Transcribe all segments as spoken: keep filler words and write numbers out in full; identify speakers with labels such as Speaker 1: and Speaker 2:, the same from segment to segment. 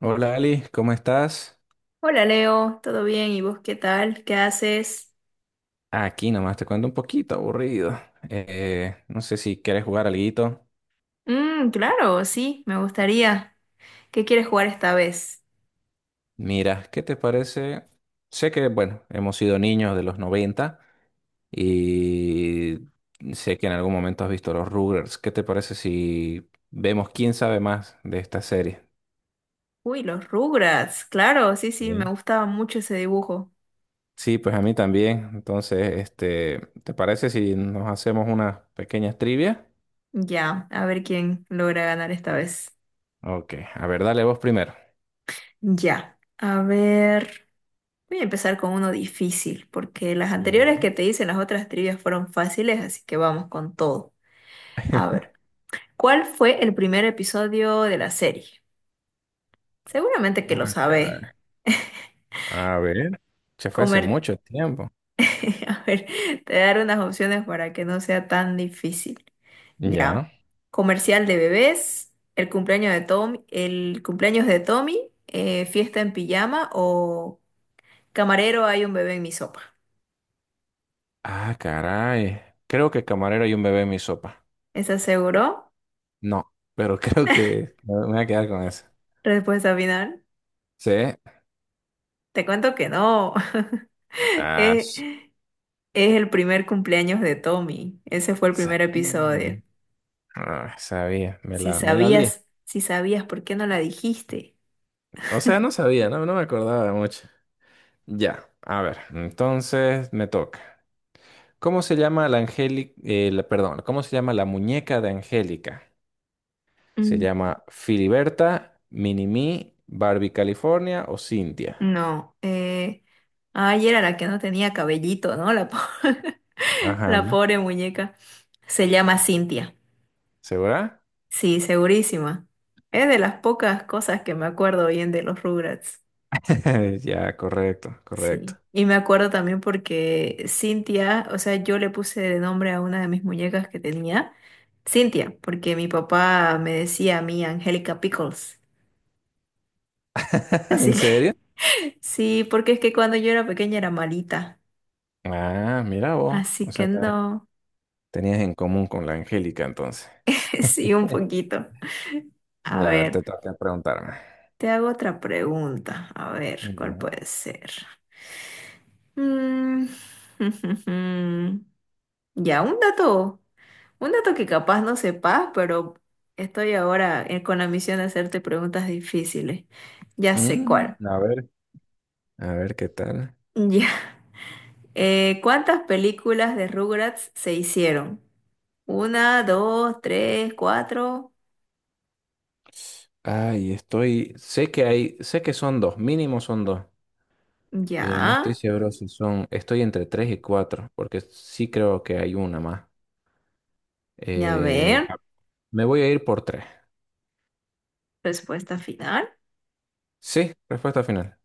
Speaker 1: Hola Ali, ¿cómo estás?
Speaker 2: Hola Leo, ¿todo bien? ¿Y vos qué tal? ¿Qué haces?
Speaker 1: Aquí nomás te cuento, un poquito aburrido. Eh, no sé si quieres jugar alguito.
Speaker 2: Mmm, claro, sí, me gustaría. ¿Qué quieres jugar esta vez?
Speaker 1: Mira, ¿qué te parece? Sé que, bueno, hemos sido niños de los noventa y sé que en algún momento has visto los Rugrats. ¿Qué te parece si vemos quién sabe más de esta serie?
Speaker 2: Uy, los Rugrats, claro, sí, sí, me
Speaker 1: Sí.
Speaker 2: gustaba mucho ese dibujo.
Speaker 1: Sí, pues a mí también. Entonces, este, ¿te parece si nos hacemos unas pequeñas trivias?
Speaker 2: Ya, a ver quién logra ganar esta vez.
Speaker 1: Ok, a ver, dale vos primero.
Speaker 2: Ya, a ver, voy a empezar con uno difícil, porque las anteriores
Speaker 1: Ya.
Speaker 2: que te hice, las otras trivias fueron fáciles, así que vamos con todo. A ver, ¿cuál fue el primer episodio de la serie? Seguramente que lo
Speaker 1: Ah,
Speaker 2: sabés.
Speaker 1: caray. A ver, se fue hace
Speaker 2: Comer.
Speaker 1: mucho tiempo.
Speaker 2: A ver, te daré unas opciones para que no sea tan difícil. Ya.
Speaker 1: Ya.
Speaker 2: Comercial de bebés, el cumpleaños de Tommy, el cumpleaños de Tommy, eh, fiesta en pijama o camarero hay un bebé en mi sopa.
Speaker 1: Ah, caray. Creo que camarero y un bebé en mi sopa.
Speaker 2: ¿Estás seguro?
Speaker 1: No, pero creo que me me voy a quedar con eso.
Speaker 2: Respuesta final.
Speaker 1: Sí.
Speaker 2: Te cuento que no.
Speaker 1: Ah,
Speaker 2: Es,
Speaker 1: s-
Speaker 2: es el primer cumpleaños de Tommy. Ese fue el primer
Speaker 1: sabía.
Speaker 2: episodio.
Speaker 1: Ah, sabía, me
Speaker 2: Si
Speaker 1: la, me la olía.
Speaker 2: sabías, si sabías, ¿por qué no la dijiste?
Speaker 1: O sea, no sabía, no, no me acordaba mucho. Ya, a ver, entonces me toca. ¿Cómo se llama la Angélica, perdón, ¿cómo se llama la muñeca de Angélica? ¿Se llama Filiberta, Minimi, Barbie California o Cintia?
Speaker 2: No, eh, ay, era la que no tenía cabellito, ¿no? La, po- la
Speaker 1: Ajá.
Speaker 2: pobre muñeca. Se llama Cintia.
Speaker 1: ¿Segura?
Speaker 2: Sí, segurísima. Es de las pocas cosas que me acuerdo bien de los Rugrats.
Speaker 1: Ya, correcto, correcto.
Speaker 2: Sí. Y me acuerdo también porque Cintia, o sea, yo le puse de nombre a una de mis muñecas que tenía, Cintia, porque mi papá me decía a mí Angélica Pickles. Así
Speaker 1: ¿En serio?
Speaker 2: que sí, porque es que cuando yo era pequeña era malita.
Speaker 1: Ah, mira vos.
Speaker 2: Así
Speaker 1: O sea,
Speaker 2: que
Speaker 1: ta-
Speaker 2: no.
Speaker 1: tenías en común con la Angélica entonces.
Speaker 2: Sí, un poquito. A
Speaker 1: Ya, a ver,
Speaker 2: ver,
Speaker 1: te toca preguntarme.
Speaker 2: te hago otra pregunta. A ver, ¿cuál
Speaker 1: Ya.
Speaker 2: puede ser? Mm. Ya, un dato, un dato que capaz no sepas, pero estoy ahora eh, con la misión de hacerte preguntas difíciles. Ya sé
Speaker 1: Mm,
Speaker 2: cuál.
Speaker 1: a ver, a ver qué tal.
Speaker 2: Ya. Eh, ¿cuántas películas de Rugrats se hicieron? Una, dos, tres, cuatro.
Speaker 1: Ay, estoy. Sé que hay, sé que son dos, mínimo son dos, pero no
Speaker 2: Ya.
Speaker 1: estoy seguro si son. Estoy entre tres y cuatro, porque sí creo que hay una más.
Speaker 2: Ya, a
Speaker 1: Eh,
Speaker 2: ver.
Speaker 1: Me voy a ir por tres.
Speaker 2: Respuesta final.
Speaker 1: Sí, respuesta final.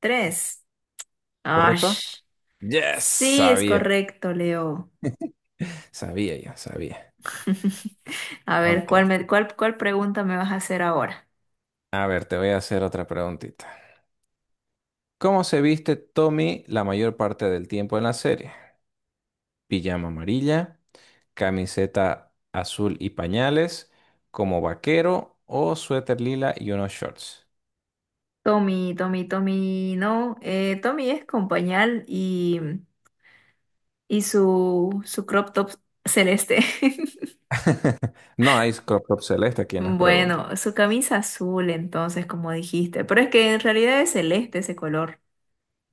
Speaker 2: Tres.
Speaker 1: ¿Correcto?
Speaker 2: Ash.
Speaker 1: Yes,
Speaker 2: Sí, es
Speaker 1: sabía.
Speaker 2: correcto, Leo.
Speaker 1: Sabía yo, sabía.
Speaker 2: A ver, ¿cuál,
Speaker 1: Ok.
Speaker 2: me- cuál, cuál pregunta me vas a hacer ahora?
Speaker 1: A ver, te voy a hacer otra preguntita. ¿Cómo se viste Tommy la mayor parte del tiempo en la serie? Pijama amarilla, camiseta azul y pañales, como vaquero, o suéter lila y unos shorts.
Speaker 2: Tommy, Tommy, Tommy, no. eh, Tommy es con pañal y, y su, su crop top celeste.
Speaker 1: No hay crop top celeste aquí en las preguntas.
Speaker 2: Bueno, su camisa azul, entonces, como dijiste. Pero es que en realidad es celeste ese color.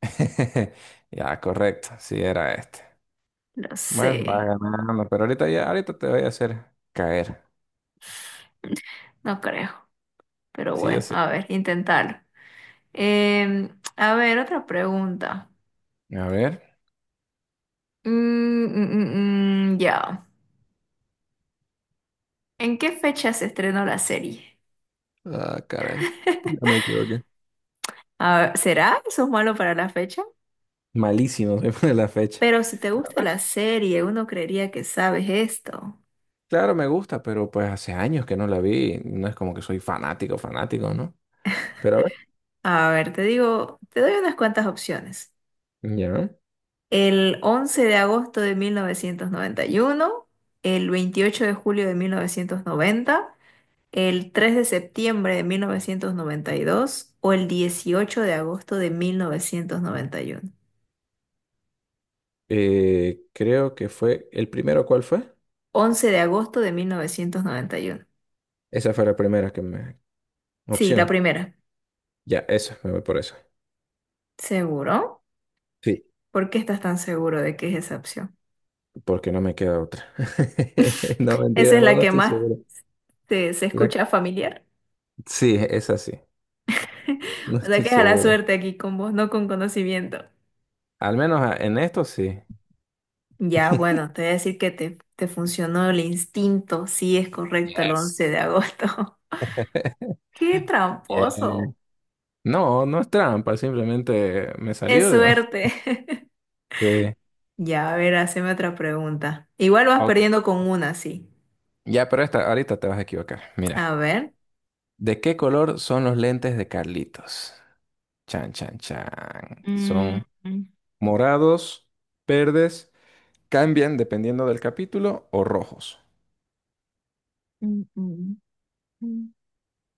Speaker 1: Ya, correcto, sí era este.
Speaker 2: Lo
Speaker 1: Bueno, va
Speaker 2: sé,
Speaker 1: ganando, pero ahorita ya, ahorita te voy a hacer caer.
Speaker 2: no creo. Pero
Speaker 1: Sí o
Speaker 2: bueno,
Speaker 1: sí.
Speaker 2: a ver, intentarlo. Em, a ver, otra pregunta.
Speaker 1: A ver.
Speaker 2: Mm, mm, mm, mm, ya. ¿En qué fecha se estrenó la serie?
Speaker 1: Ah, caray. Ya me equivoqué.
Speaker 2: Ah, ¿será eso es malo para la fecha?
Speaker 1: Malísimo soy de la fecha.
Speaker 2: Pero si te
Speaker 1: Pero, a
Speaker 2: gusta
Speaker 1: ver,
Speaker 2: la serie, uno creería que sabes esto.
Speaker 1: claro, me gusta, pero pues hace años que no la vi. No es como que soy fanático, fanático, ¿no? Pero a ver,
Speaker 2: A ver, te digo, te doy unas cuantas opciones.
Speaker 1: ya.
Speaker 2: El once de agosto de mil novecientos noventa y uno, el veintiocho de julio de mil novecientos noventa, el tres de septiembre de mil novecientos noventa y dos o el dieciocho de agosto de mil novecientos noventa y uno.
Speaker 1: Eh, creo que fue el primero, ¿cuál fue?
Speaker 2: Once de agosto de mil novecientos noventa y uno.
Speaker 1: Esa fue la primera que me...
Speaker 2: Sí, la
Speaker 1: opción.
Speaker 2: primera.
Speaker 1: Ya, eso, me voy por eso.
Speaker 2: ¿Seguro?
Speaker 1: Sí.
Speaker 2: ¿Por qué estás tan seguro de que es esa opción?
Speaker 1: Porque no me queda otra. No,
Speaker 2: Esa
Speaker 1: mentira,
Speaker 2: es
Speaker 1: no,
Speaker 2: la
Speaker 1: no
Speaker 2: que
Speaker 1: estoy
Speaker 2: más
Speaker 1: seguro.
Speaker 2: te, se
Speaker 1: La-
Speaker 2: escucha familiar.
Speaker 1: Sí, es así. No
Speaker 2: O sea
Speaker 1: estoy
Speaker 2: que es a la
Speaker 1: seguro.
Speaker 2: suerte aquí con vos, no con conocimiento.
Speaker 1: Al menos ah, en esto sí.
Speaker 2: Ya, bueno, te voy a decir que te, te funcionó el instinto. Sí, es correcto el once
Speaker 1: Yes.
Speaker 2: de agosto. ¡Qué
Speaker 1: Yes.
Speaker 2: tramposo!
Speaker 1: No, no es trampa, simplemente me
Speaker 2: Es
Speaker 1: salió de...
Speaker 2: suerte.
Speaker 1: Sí.
Speaker 2: Ya, a ver, haceme otra pregunta. Igual vas
Speaker 1: Ok.
Speaker 2: perdiendo con una, sí.
Speaker 1: Ya, pero esta, ahorita te vas a equivocar.
Speaker 2: A
Speaker 1: Mira,
Speaker 2: ver.
Speaker 1: ¿de qué color son los lentes de Carlitos? Chan, chan, chan.
Speaker 2: Mm,
Speaker 1: ¿Son
Speaker 2: mm,
Speaker 1: morados, verdes, cambian dependiendo del capítulo o rojos?
Speaker 2: mm, mm, mm.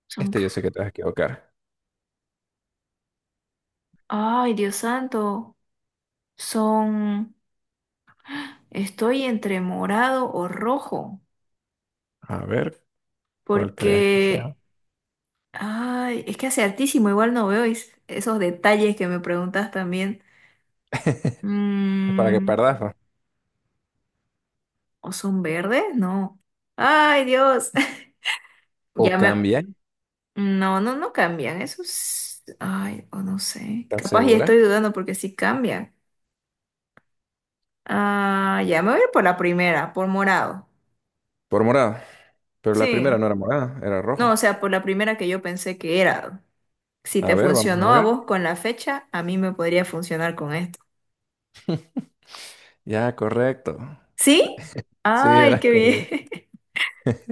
Speaker 2: Son.
Speaker 1: Este yo sé que te vas a equivocar.
Speaker 2: Ay, Dios santo. Son. Estoy entre morado o rojo,
Speaker 1: A ver, ¿cuál crees que sea?
Speaker 2: porque, ay, es que hace altísimo, igual no veo es- esos detalles que me preguntas también.
Speaker 1: Es para que
Speaker 2: Mm,
Speaker 1: perdas, ¿no?
Speaker 2: ¿O son verdes? No. Ay, Dios.
Speaker 1: O
Speaker 2: Ya me.
Speaker 1: cambian,
Speaker 2: No, no, no cambian. Esos. Ay, o no sé.
Speaker 1: ¿estás
Speaker 2: Capaz ya
Speaker 1: segura?
Speaker 2: estoy dudando porque sí cambian. Ah, ya me voy a ir por la primera, por morado.
Speaker 1: Por morado. Pero la primera
Speaker 2: Sí.
Speaker 1: no era morada, era
Speaker 2: No,
Speaker 1: rojo.
Speaker 2: o sea, por la primera que yo pensé que era. Si
Speaker 1: A
Speaker 2: te
Speaker 1: ver, vamos a
Speaker 2: funcionó a
Speaker 1: ver.
Speaker 2: vos con la fecha, a mí me podría funcionar con esto.
Speaker 1: Ya, correcto.
Speaker 2: ¿Sí?
Speaker 1: Sí,
Speaker 2: ¡Ay,
Speaker 1: eras
Speaker 2: qué
Speaker 1: correcto.
Speaker 2: bien!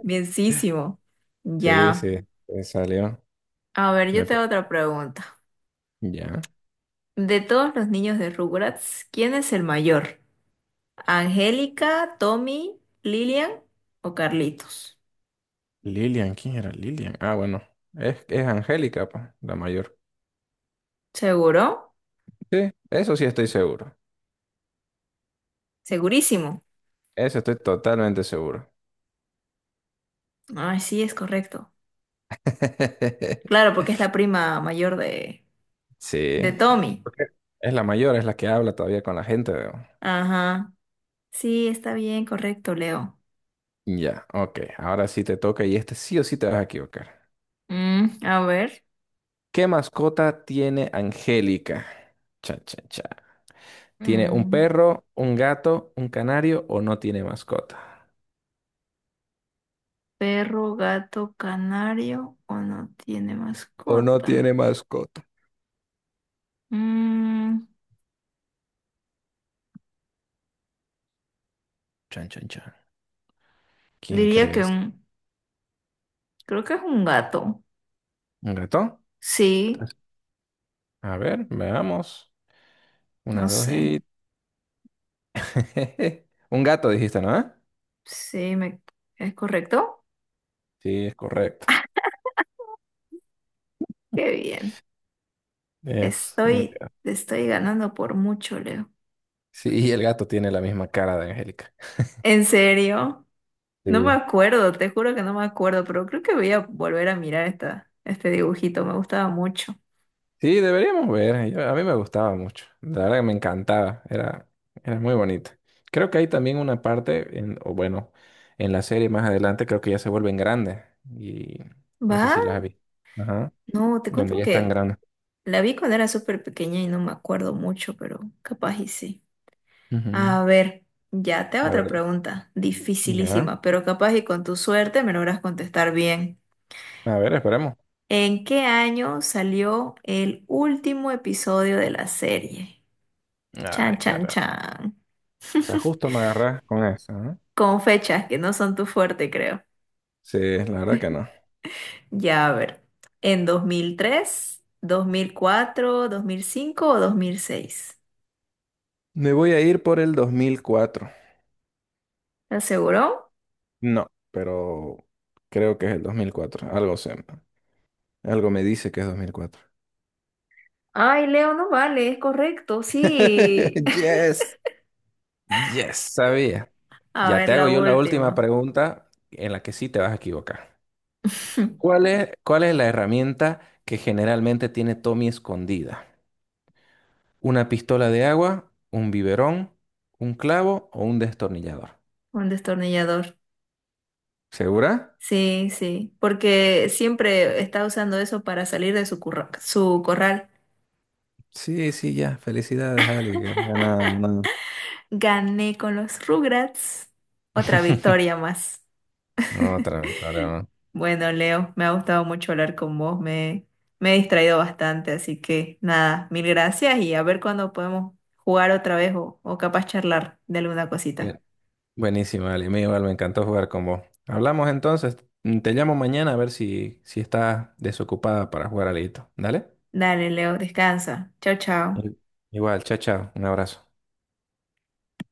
Speaker 2: Bienísimo.
Speaker 1: Sí,
Speaker 2: Ya.
Speaker 1: sí, me salió.
Speaker 2: A ver, yo
Speaker 1: Me
Speaker 2: te hago
Speaker 1: toca.
Speaker 2: otra pregunta.
Speaker 1: Ya.
Speaker 2: De todos los niños de Rugrats, ¿quién es el mayor? ¿Angélica, Tommy, Lilian o Carlitos?
Speaker 1: Lilian, ¿quién era Lilian? Ah, bueno, es, es Angélica, pa, la mayor.
Speaker 2: ¿Seguro?
Speaker 1: Sí, eso sí estoy seguro.
Speaker 2: Segurísimo.
Speaker 1: Eso estoy totalmente seguro.
Speaker 2: Ay, sí, es correcto. Claro, porque es la prima mayor de, de
Speaker 1: Sí,
Speaker 2: Tommy.
Speaker 1: porque es la mayor, es la que habla todavía con la gente. Veo.
Speaker 2: Ajá. Sí, está bien, correcto, Leo.
Speaker 1: Ya, ok, ahora sí te toca y este sí o sí te vas a equivocar.
Speaker 2: Mm, a ver.
Speaker 1: ¿Qué mascota tiene Angélica? Cha, cha, cha. ¿Tiene un
Speaker 2: Mm,
Speaker 1: perro, un gato, un canario o no tiene mascota?
Speaker 2: ¿Perro, gato, canario o no tiene
Speaker 1: ¿O no
Speaker 2: mascota?
Speaker 1: tiene mascota?
Speaker 2: Mm,
Speaker 1: Chan, chan, chan. ¿Quién
Speaker 2: Diría que
Speaker 1: crees?
Speaker 2: un, creo que es un gato.
Speaker 1: ¿Un gato?
Speaker 2: Sí,
Speaker 1: A ver, veamos.
Speaker 2: no
Speaker 1: Una, dos
Speaker 2: sé.
Speaker 1: y... Un gato dijiste, ¿no? ¿Ah?
Speaker 2: Sí, me, ¿es correcto?
Speaker 1: Sí, es correcto.
Speaker 2: Qué bien.
Speaker 1: Es un
Speaker 2: Estoy,
Speaker 1: gato.
Speaker 2: te estoy ganando por mucho, Leo.
Speaker 1: Sí, y el gato tiene la misma cara de Angélica.
Speaker 2: ¿En serio? No me
Speaker 1: Sí.
Speaker 2: acuerdo, te juro que no me acuerdo, pero creo que voy a volver a mirar esta, este dibujito, me gustaba mucho.
Speaker 1: Sí, deberíamos ver. Yo- a mí me gustaba mucho. La verdad que me encantaba. Era, era muy bonita. Creo que hay también una parte, en, o bueno, en la serie más adelante creo que ya se vuelven grandes. Y no sé
Speaker 2: ¿Va?
Speaker 1: si las vi. Ajá.
Speaker 2: No, te
Speaker 1: Donde
Speaker 2: cuento
Speaker 1: ya están
Speaker 2: que
Speaker 1: grandes.
Speaker 2: la vi cuando era súper pequeña y no me acuerdo mucho, pero capaz y sí.
Speaker 1: Ujú.
Speaker 2: A ver, ya te hago
Speaker 1: La
Speaker 2: otra
Speaker 1: verdad.
Speaker 2: pregunta,
Speaker 1: Ya.
Speaker 2: dificilísima, pero capaz y con tu suerte me logras contestar bien.
Speaker 1: A ver, esperemos.
Speaker 2: ¿En qué año salió el último episodio de la serie? Chan,
Speaker 1: Ay,
Speaker 2: chan,
Speaker 1: cara.
Speaker 2: chan.
Speaker 1: O sea, justo me agarras con eso, ¿no?
Speaker 2: Con fechas que no son tu fuerte, creo.
Speaker 1: Sí, la verdad que no.
Speaker 2: Ya, a ver. ¿En dos dos mil mil tres, dos mil cuatro, dos mil cinco o dos mil seis?
Speaker 1: Me voy a ir por el dos mil cuatro.
Speaker 2: ¿Estás seguro?
Speaker 1: No, pero creo que es el dos mil cuatro. Algo sé, ¿no? Algo me dice que es dos mil cuatro.
Speaker 2: Ay, Leo, no vale, es correcto, sí.
Speaker 1: Yes. Yes, sabía.
Speaker 2: A
Speaker 1: Ya
Speaker 2: ver,
Speaker 1: te
Speaker 2: la
Speaker 1: hago yo la última
Speaker 2: última.
Speaker 1: pregunta en la que sí te vas a equivocar. ¿Cuál es, ¿cuál es la herramienta que generalmente tiene Tommy escondida? Una pistola de agua, un biberón, un clavo o un destornillador.
Speaker 2: Un destornillador.
Speaker 1: ¿Segura?
Speaker 2: Sí, sí, porque siempre está usando eso para salir de su, curra- su corral.
Speaker 1: Sí, sí, ya. Felicidades, Ali, que has ganado, ganado.
Speaker 2: Gané con los Rugrats. Otra victoria más.
Speaker 1: Otra victoria, ¿no?
Speaker 2: Bueno, Leo, me ha gustado mucho hablar con vos. Me, me he distraído bastante, así que nada, mil gracias y a ver cuándo podemos jugar otra vez o, o capaz charlar de alguna cosita.
Speaker 1: Bueno, buenísima, Ale. Me, igual me encantó jugar con vos. Hablamos entonces. Mm, Te llamo mañana a ver si, si estás desocupada para jugar alito. ¿Dale?
Speaker 2: Dale, Leo, descansa. Chao, chao.
Speaker 1: Sí. Igual, chao, chao. Un abrazo.